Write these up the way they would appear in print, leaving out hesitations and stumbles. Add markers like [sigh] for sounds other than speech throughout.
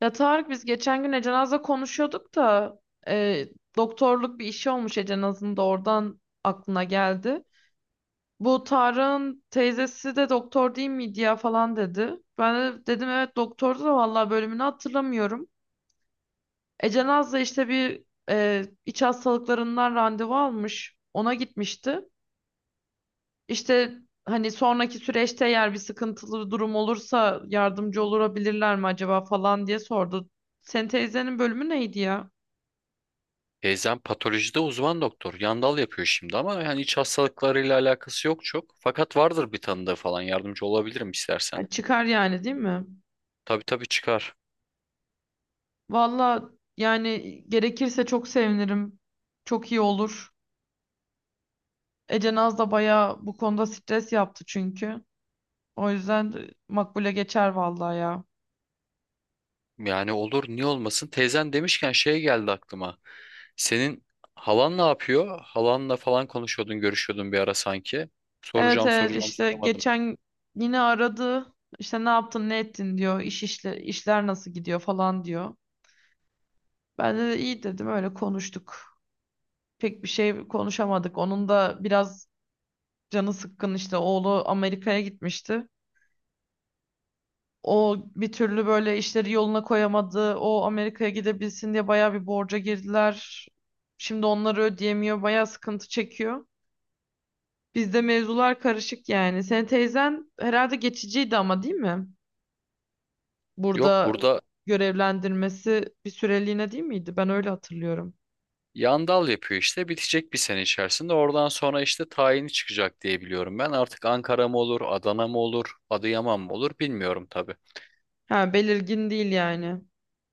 Ya Tarık biz geçen gün Ece Naz'la konuşuyorduk da e, doktorluk bir işi olmuş Ece Naz'ın da oradan aklına geldi. Bu Tarık'ın teyzesi de doktor değil miydi ya falan dedi. Ben de dedim evet doktordu da vallahi bölümünü hatırlamıyorum. Ece Naz da işte bir iç hastalıklarından randevu almış. Ona gitmişti. İşte hani sonraki süreçte eğer bir sıkıntılı durum olursa yardımcı olabilirler mi acaba falan diye sordu. Senin teyzenin bölümü neydi ya? Teyzem patolojide uzman doktor. Yandal yapıyor şimdi ama yani iç hastalıklarıyla alakası yok çok. Fakat vardır bir tanıdığı falan, yardımcı olabilirim istersen. Yani çıkar yani değil mi? Tabii tabii, çıkar. Valla yani gerekirse çok sevinirim. Çok iyi olur. Ece Naz da bayağı bu konuda stres yaptı çünkü. O yüzden de makbule geçer vallahi ya. Yani olur, niye olmasın. Teyzen demişken şey geldi aklıma. Senin halan ne yapıyor? Halanla falan konuşuyordun, görüşüyordun bir ara sanki. Evet Soracağım evet, soracağım, işte soramadım. geçen yine aradı. İşte ne yaptın ne ettin diyor. İşler nasıl gidiyor falan diyor. Ben de iyi dedim öyle konuştuk. Pek bir şey konuşamadık. Onun da biraz canı sıkkın, işte oğlu Amerika'ya gitmişti. O bir türlü böyle işleri yoluna koyamadı. O Amerika'ya gidebilsin diye bayağı bir borca girdiler. Şimdi onları ödeyemiyor. Bayağı sıkıntı çekiyor. Bizde mevzular karışık yani. Senin teyzen herhalde geçiciydi ama değil mi? Yok yok, Burada burada görevlendirmesi bir süreliğine değil miydi? Ben öyle hatırlıyorum. yandal yapıyor işte. Bitecek bir sene içerisinde. Oradan sonra işte tayini çıkacak diye biliyorum ben. Artık Ankara mı olur, Adana mı olur, Adıyaman mı olur, bilmiyorum tabii. Ha, belirgin değil yani.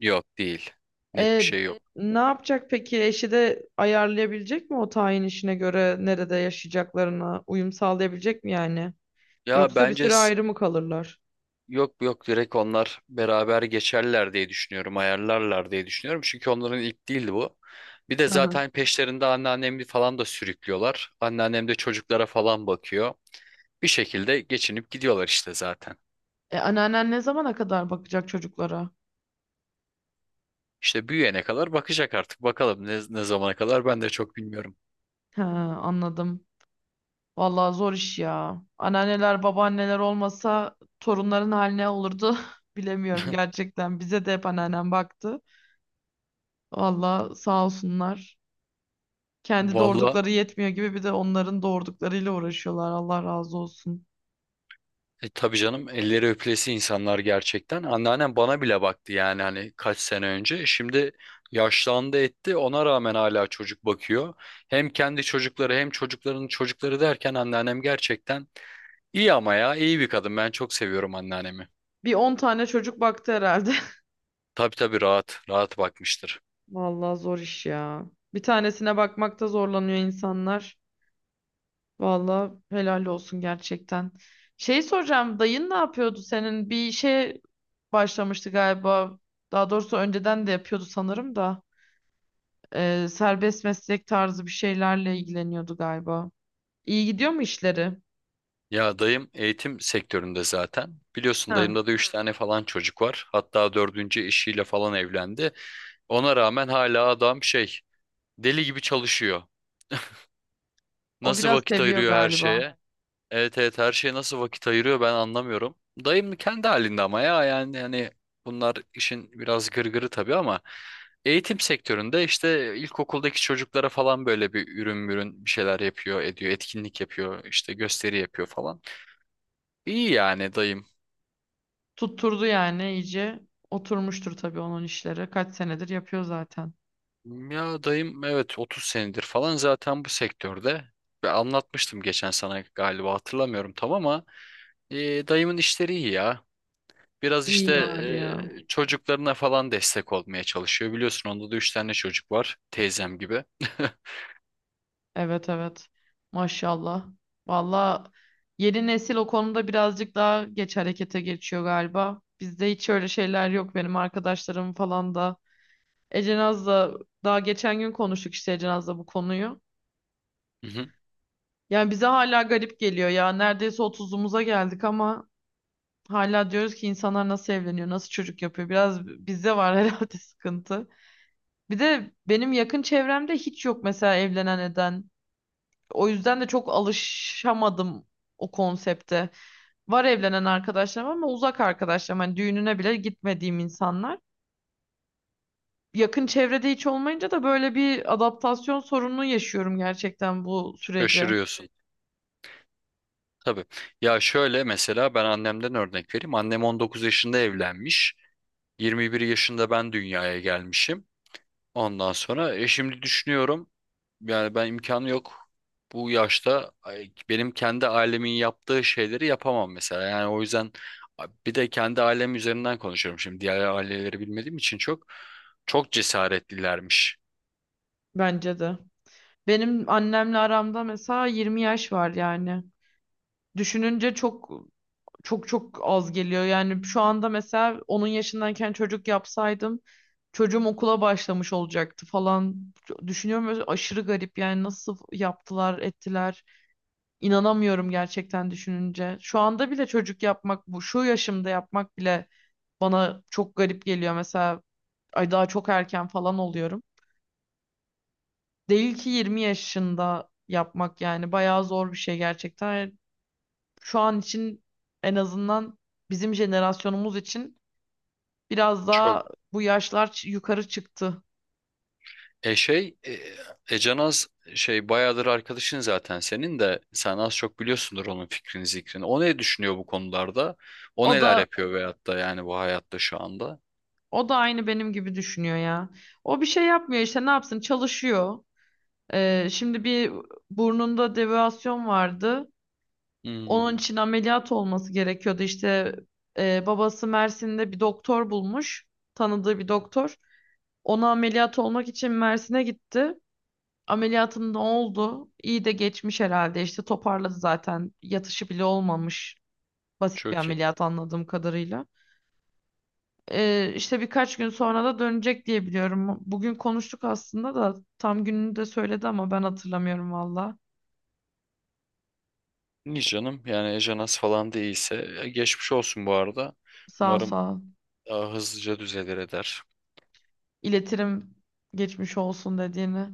Yok, değil. Net bir E, şey yok. ne yapacak peki? Eşi de ayarlayabilecek mi o tayin işine göre nerede yaşayacaklarına uyum sağlayabilecek mi yani? Ya Yoksa bir bence süre ayrı mı kalırlar? yok yok, direkt onlar beraber geçerler diye düşünüyorum. Ayarlarlar diye düşünüyorum. Çünkü onların ilk değildi bu. Bir de Hı hı. zaten peşlerinde anneannemi falan da sürüklüyorlar. Anneannem de çocuklara falan bakıyor. Bir şekilde geçinip gidiyorlar işte zaten. Anneannen ne zamana kadar bakacak çocuklara? İşte büyüyene kadar bakacak artık. Bakalım ne, ne zamana kadar, ben de çok bilmiyorum. He, anladım. Vallahi zor iş ya. Anneanneler, babaanneler olmasa torunların haline olurdu. [laughs] Bilemiyorum gerçekten. Bize de hep anneannem baktı. Vallahi sağ olsunlar. Kendi Vallahi. doğurdukları yetmiyor gibi bir de onların doğurduklarıyla uğraşıyorlar. Allah razı olsun. Tabii canım, elleri öpülesi insanlar gerçekten. Anneannem bana bile baktı yani, hani kaç sene önce. Şimdi yaşlandı etti, ona rağmen hala çocuk bakıyor. Hem kendi çocukları hem çocukların çocukları derken anneannem gerçekten iyi, ama ya iyi bir kadın. Ben çok seviyorum anneannemi. Bir 10 tane çocuk baktı herhalde. Tabii tabii, rahat rahat bakmıştır. [laughs] Vallahi zor iş ya. Bir tanesine bakmakta zorlanıyor insanlar. Vallahi helal olsun gerçekten. Şey soracağım, dayın ne yapıyordu senin? Bir işe başlamıştı galiba. Daha doğrusu önceden de yapıyordu sanırım da. Serbest meslek tarzı bir şeylerle ilgileniyordu galiba. İyi gidiyor mu işleri? Ya dayım eğitim sektöründe zaten. Biliyorsun, Ha, dayımda da üç tane falan çocuk var. Hatta dördüncü eşiyle falan evlendi. Ona rağmen hala adam şey, deli gibi çalışıyor. o Nasıl biraz vakit seviyor ayırıyor her galiba. şeye? Evet evet, her şeye nasıl vakit ayırıyor ben anlamıyorum. Dayım kendi halinde ama ya, yani hani bunlar işin biraz gırgırı tabii, ama eğitim sektöründe işte ilkokuldaki çocuklara falan böyle bir ürün mürün bir şeyler yapıyor, ediyor, etkinlik yapıyor, işte gösteri yapıyor falan. İyi yani dayım. Tutturdu yani iyice. Oturmuştur tabii onun işleri. Kaç senedir yapıyor zaten. Ya dayım, evet, 30 senedir falan zaten bu sektörde. Ve anlatmıştım geçen sana galiba, hatırlamıyorum tam, ama dayımın işleri iyi ya. Biraz işte İyi var ya. Çocuklarına falan destek olmaya çalışıyor. Biliyorsun, onda da üç tane çocuk var. Teyzem gibi. [laughs] Evet evet. Maşallah. Valla yeni nesil o konuda birazcık daha geç harekete geçiyor galiba. Bizde hiç öyle şeyler yok, benim arkadaşlarım falan da. Ecenaz'la daha geçen gün konuştuk işte Ecenaz'la bu konuyu. Hı hı. Yani bize hala garip geliyor ya. Neredeyse 30'umuza geldik ama hala diyoruz ki insanlar nasıl evleniyor, nasıl çocuk yapıyor. Biraz bizde var [laughs] herhalde sıkıntı. Bir de benim yakın çevremde hiç yok mesela evlenen eden. O yüzden de çok alışamadım o konsepte. Var evlenen arkadaşlarım ama uzak arkadaşlarım. Hani düğününe bile gitmediğim insanlar. Yakın çevrede hiç olmayınca da böyle bir adaptasyon sorunu yaşıyorum gerçekten bu sürece. Şaşırıyorsun. Tabii. Ya şöyle, mesela ben annemden örnek vereyim. Annem 19 yaşında evlenmiş. Yirmi bir yaşında ben dünyaya gelmişim. Ondan sonra şimdi düşünüyorum yani ben, imkanı yok. Bu yaşta ay, benim kendi ailemin yaptığı şeyleri yapamam mesela. Yani o yüzden bir de kendi ailem üzerinden konuşuyorum şimdi. Diğer aileleri bilmediğim için çok çok cesaretlilermiş. Bence de. Benim annemle aramda mesela 20 yaş var yani. Düşününce çok az geliyor. Yani şu anda mesela onun yaşındayken çocuk yapsaydım çocuğum okula başlamış olacaktı falan. Düşünüyorum böyle aşırı garip yani nasıl yaptılar ettiler. İnanamıyorum gerçekten düşününce. Şu anda bile çocuk yapmak, bu şu yaşımda yapmak bile bana çok garip geliyor. Mesela ay daha çok erken falan oluyorum. Değil ki 20 yaşında yapmak, yani bayağı zor bir şey gerçekten. Şu an için en azından bizim jenerasyonumuz için biraz Çok daha bu yaşlar yukarı çıktı. e şey e, e, şey, bayağıdır arkadaşın zaten senin de, sen az çok biliyorsundur onun fikrini zikrini. O ne düşünüyor bu konularda? O O neler da yapıyor, veyahut da yani bu hayatta şu anda? o da aynı benim gibi düşünüyor ya. O bir şey yapmıyor işte, ne yapsın çalışıyor. Şimdi bir burnunda devasyon vardı. Hmm, Onun için ameliyat olması gerekiyordu. İşte babası Mersin'de bir doktor bulmuş. Tanıdığı bir doktor. Ona ameliyat olmak için Mersin'e gitti. Ameliyatında oldu. İyi de geçmiş herhalde. İşte toparladı zaten. Yatışı bile olmamış. Basit bir çok iyi. ameliyat anladığım kadarıyla. İşte birkaç gün sonra da dönecek diye biliyorum. Bugün konuştuk aslında da tam gününü de söyledi ama ben hatırlamıyorum valla. Niye canım? Yani Ejanas falan değilse, geçmiş olsun bu arada. Sağ ol, Umarım sağ ol. daha hızlıca düzelir eder. İletirim geçmiş olsun dediğini.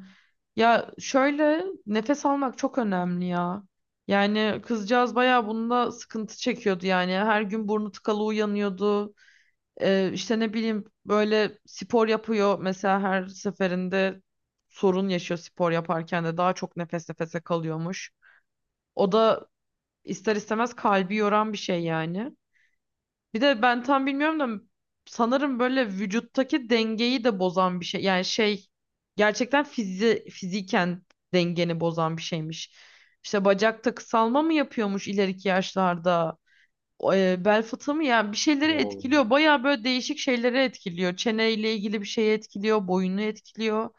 Ya şöyle, nefes almak çok önemli ya. Yani kızcağız bayağı bunda sıkıntı çekiyordu yani. Her gün burnu tıkalı uyanıyordu. İşte ne bileyim, böyle spor yapıyor mesela, her seferinde sorun yaşıyor, spor yaparken de daha çok nefes nefese kalıyormuş. O da ister istemez kalbi yoran bir şey yani. Bir de ben tam bilmiyorum da sanırım böyle vücuttaki dengeyi de bozan bir şey. Yani şey, gerçekten fiziken dengeni bozan bir şeymiş. İşte bacakta kısalma mı yapıyormuş ileriki yaşlarda? O, bel fıtığı mı? Yani bir şeyleri etkiliyor. Bayağı böyle değişik şeyleri etkiliyor. Çeneyle ilgili bir şeyi etkiliyor. Boyunu etkiliyor.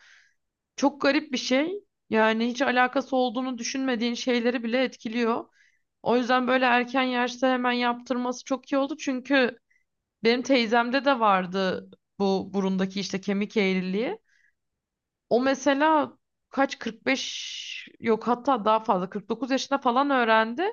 Çok garip bir şey. Yani hiç alakası olduğunu düşünmediğin şeyleri bile etkiliyor. O yüzden böyle erken yaşta hemen yaptırması çok iyi oldu. Çünkü benim teyzemde de vardı bu burundaki işte kemik eğriliği. O mesela kaç 45 yok hatta daha fazla 49 yaşında falan öğrendi.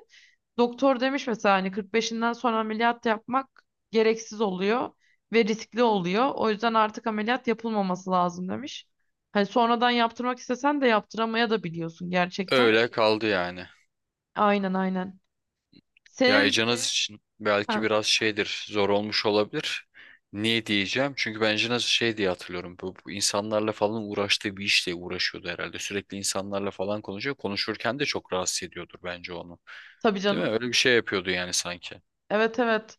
Doktor demiş mesela hani 45'inden sonra ameliyat yapmak gereksiz oluyor ve riskli oluyor. O yüzden artık ameliyat yapılmaması lazım demiş. Hani sonradan yaptırmak istesen de yaptıramaya da biliyorsun gerçekten. Öyle kaldı yani. Aynen aynen. Ya Senin Ejanas için ha, belki biraz şeydir, zor olmuş olabilir. Niye diyeceğim? Çünkü ben Ejanas'ı şey diye hatırlıyorum. Bu, bu insanlarla falan uğraştığı bir işle uğraşıyordu herhalde. Sürekli insanlarla falan konuşuyor. Konuşurken de çok rahatsız ediyordur bence onu. tabii Değil canım. mi? Öyle bir şey yapıyordu yani sanki. Evet evet.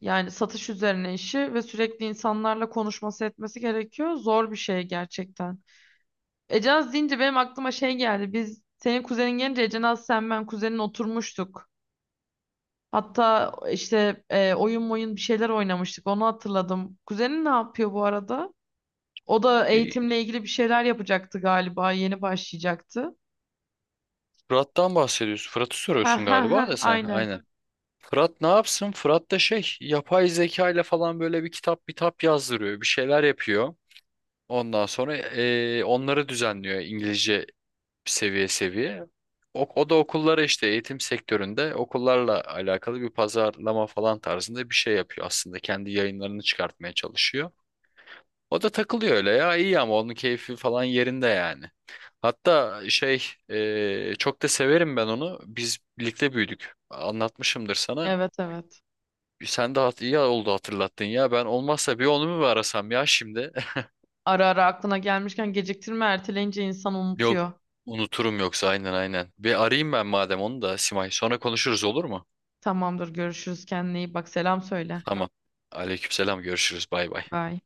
Yani satış üzerine işi ve sürekli insanlarla konuşması etmesi gerekiyor. Zor bir şey gerçekten. Ecenaz deyince benim aklıma şey geldi. Biz senin kuzenin gelince Ecenaz, sen, ben, kuzenin oturmuştuk. Hatta işte oyun bir şeyler oynamıştık. Onu hatırladım. Kuzenin ne yapıyor bu arada? O da E, eğitimle ilgili bir şeyler yapacaktı galiba. Yeni başlayacaktı. Fırat'tan bahsediyorsun. Fırat'ı Ha soruyorsun ha ha galiba da sen. Aha. aynen. Aynen. Fırat ne yapsın? Fırat da şey, yapay zeka ile falan böyle bir kitap bir tap yazdırıyor. Bir şeyler yapıyor. Ondan sonra onları düzenliyor, İngilizce, seviye seviye. O, o da okullara işte, eğitim sektöründe okullarla alakalı bir pazarlama falan tarzında bir şey yapıyor aslında. Kendi yayınlarını çıkartmaya çalışıyor. O da takılıyor öyle ya, iyi, ama onun keyfi falan yerinde yani. Hatta şey, çok da severim ben onu. Biz birlikte büyüdük. Anlatmışımdır sana. Evet evet. Sen de iyi oldu hatırlattın ya. Ben, olmazsa bir onu mu arasam ya şimdi? Ara ara aklına gelmişken geciktirme, erteleyince insan [laughs] Yok, unutuyor. unuturum yoksa, aynen aynen. Bir arayayım ben madem onu da Simay. Sonra konuşuruz, olur mu? Tamamdır, görüşürüz, kendine iyi bak, selam söyle. Tamam. Aleykümselam, görüşürüz, bay bay. Bye.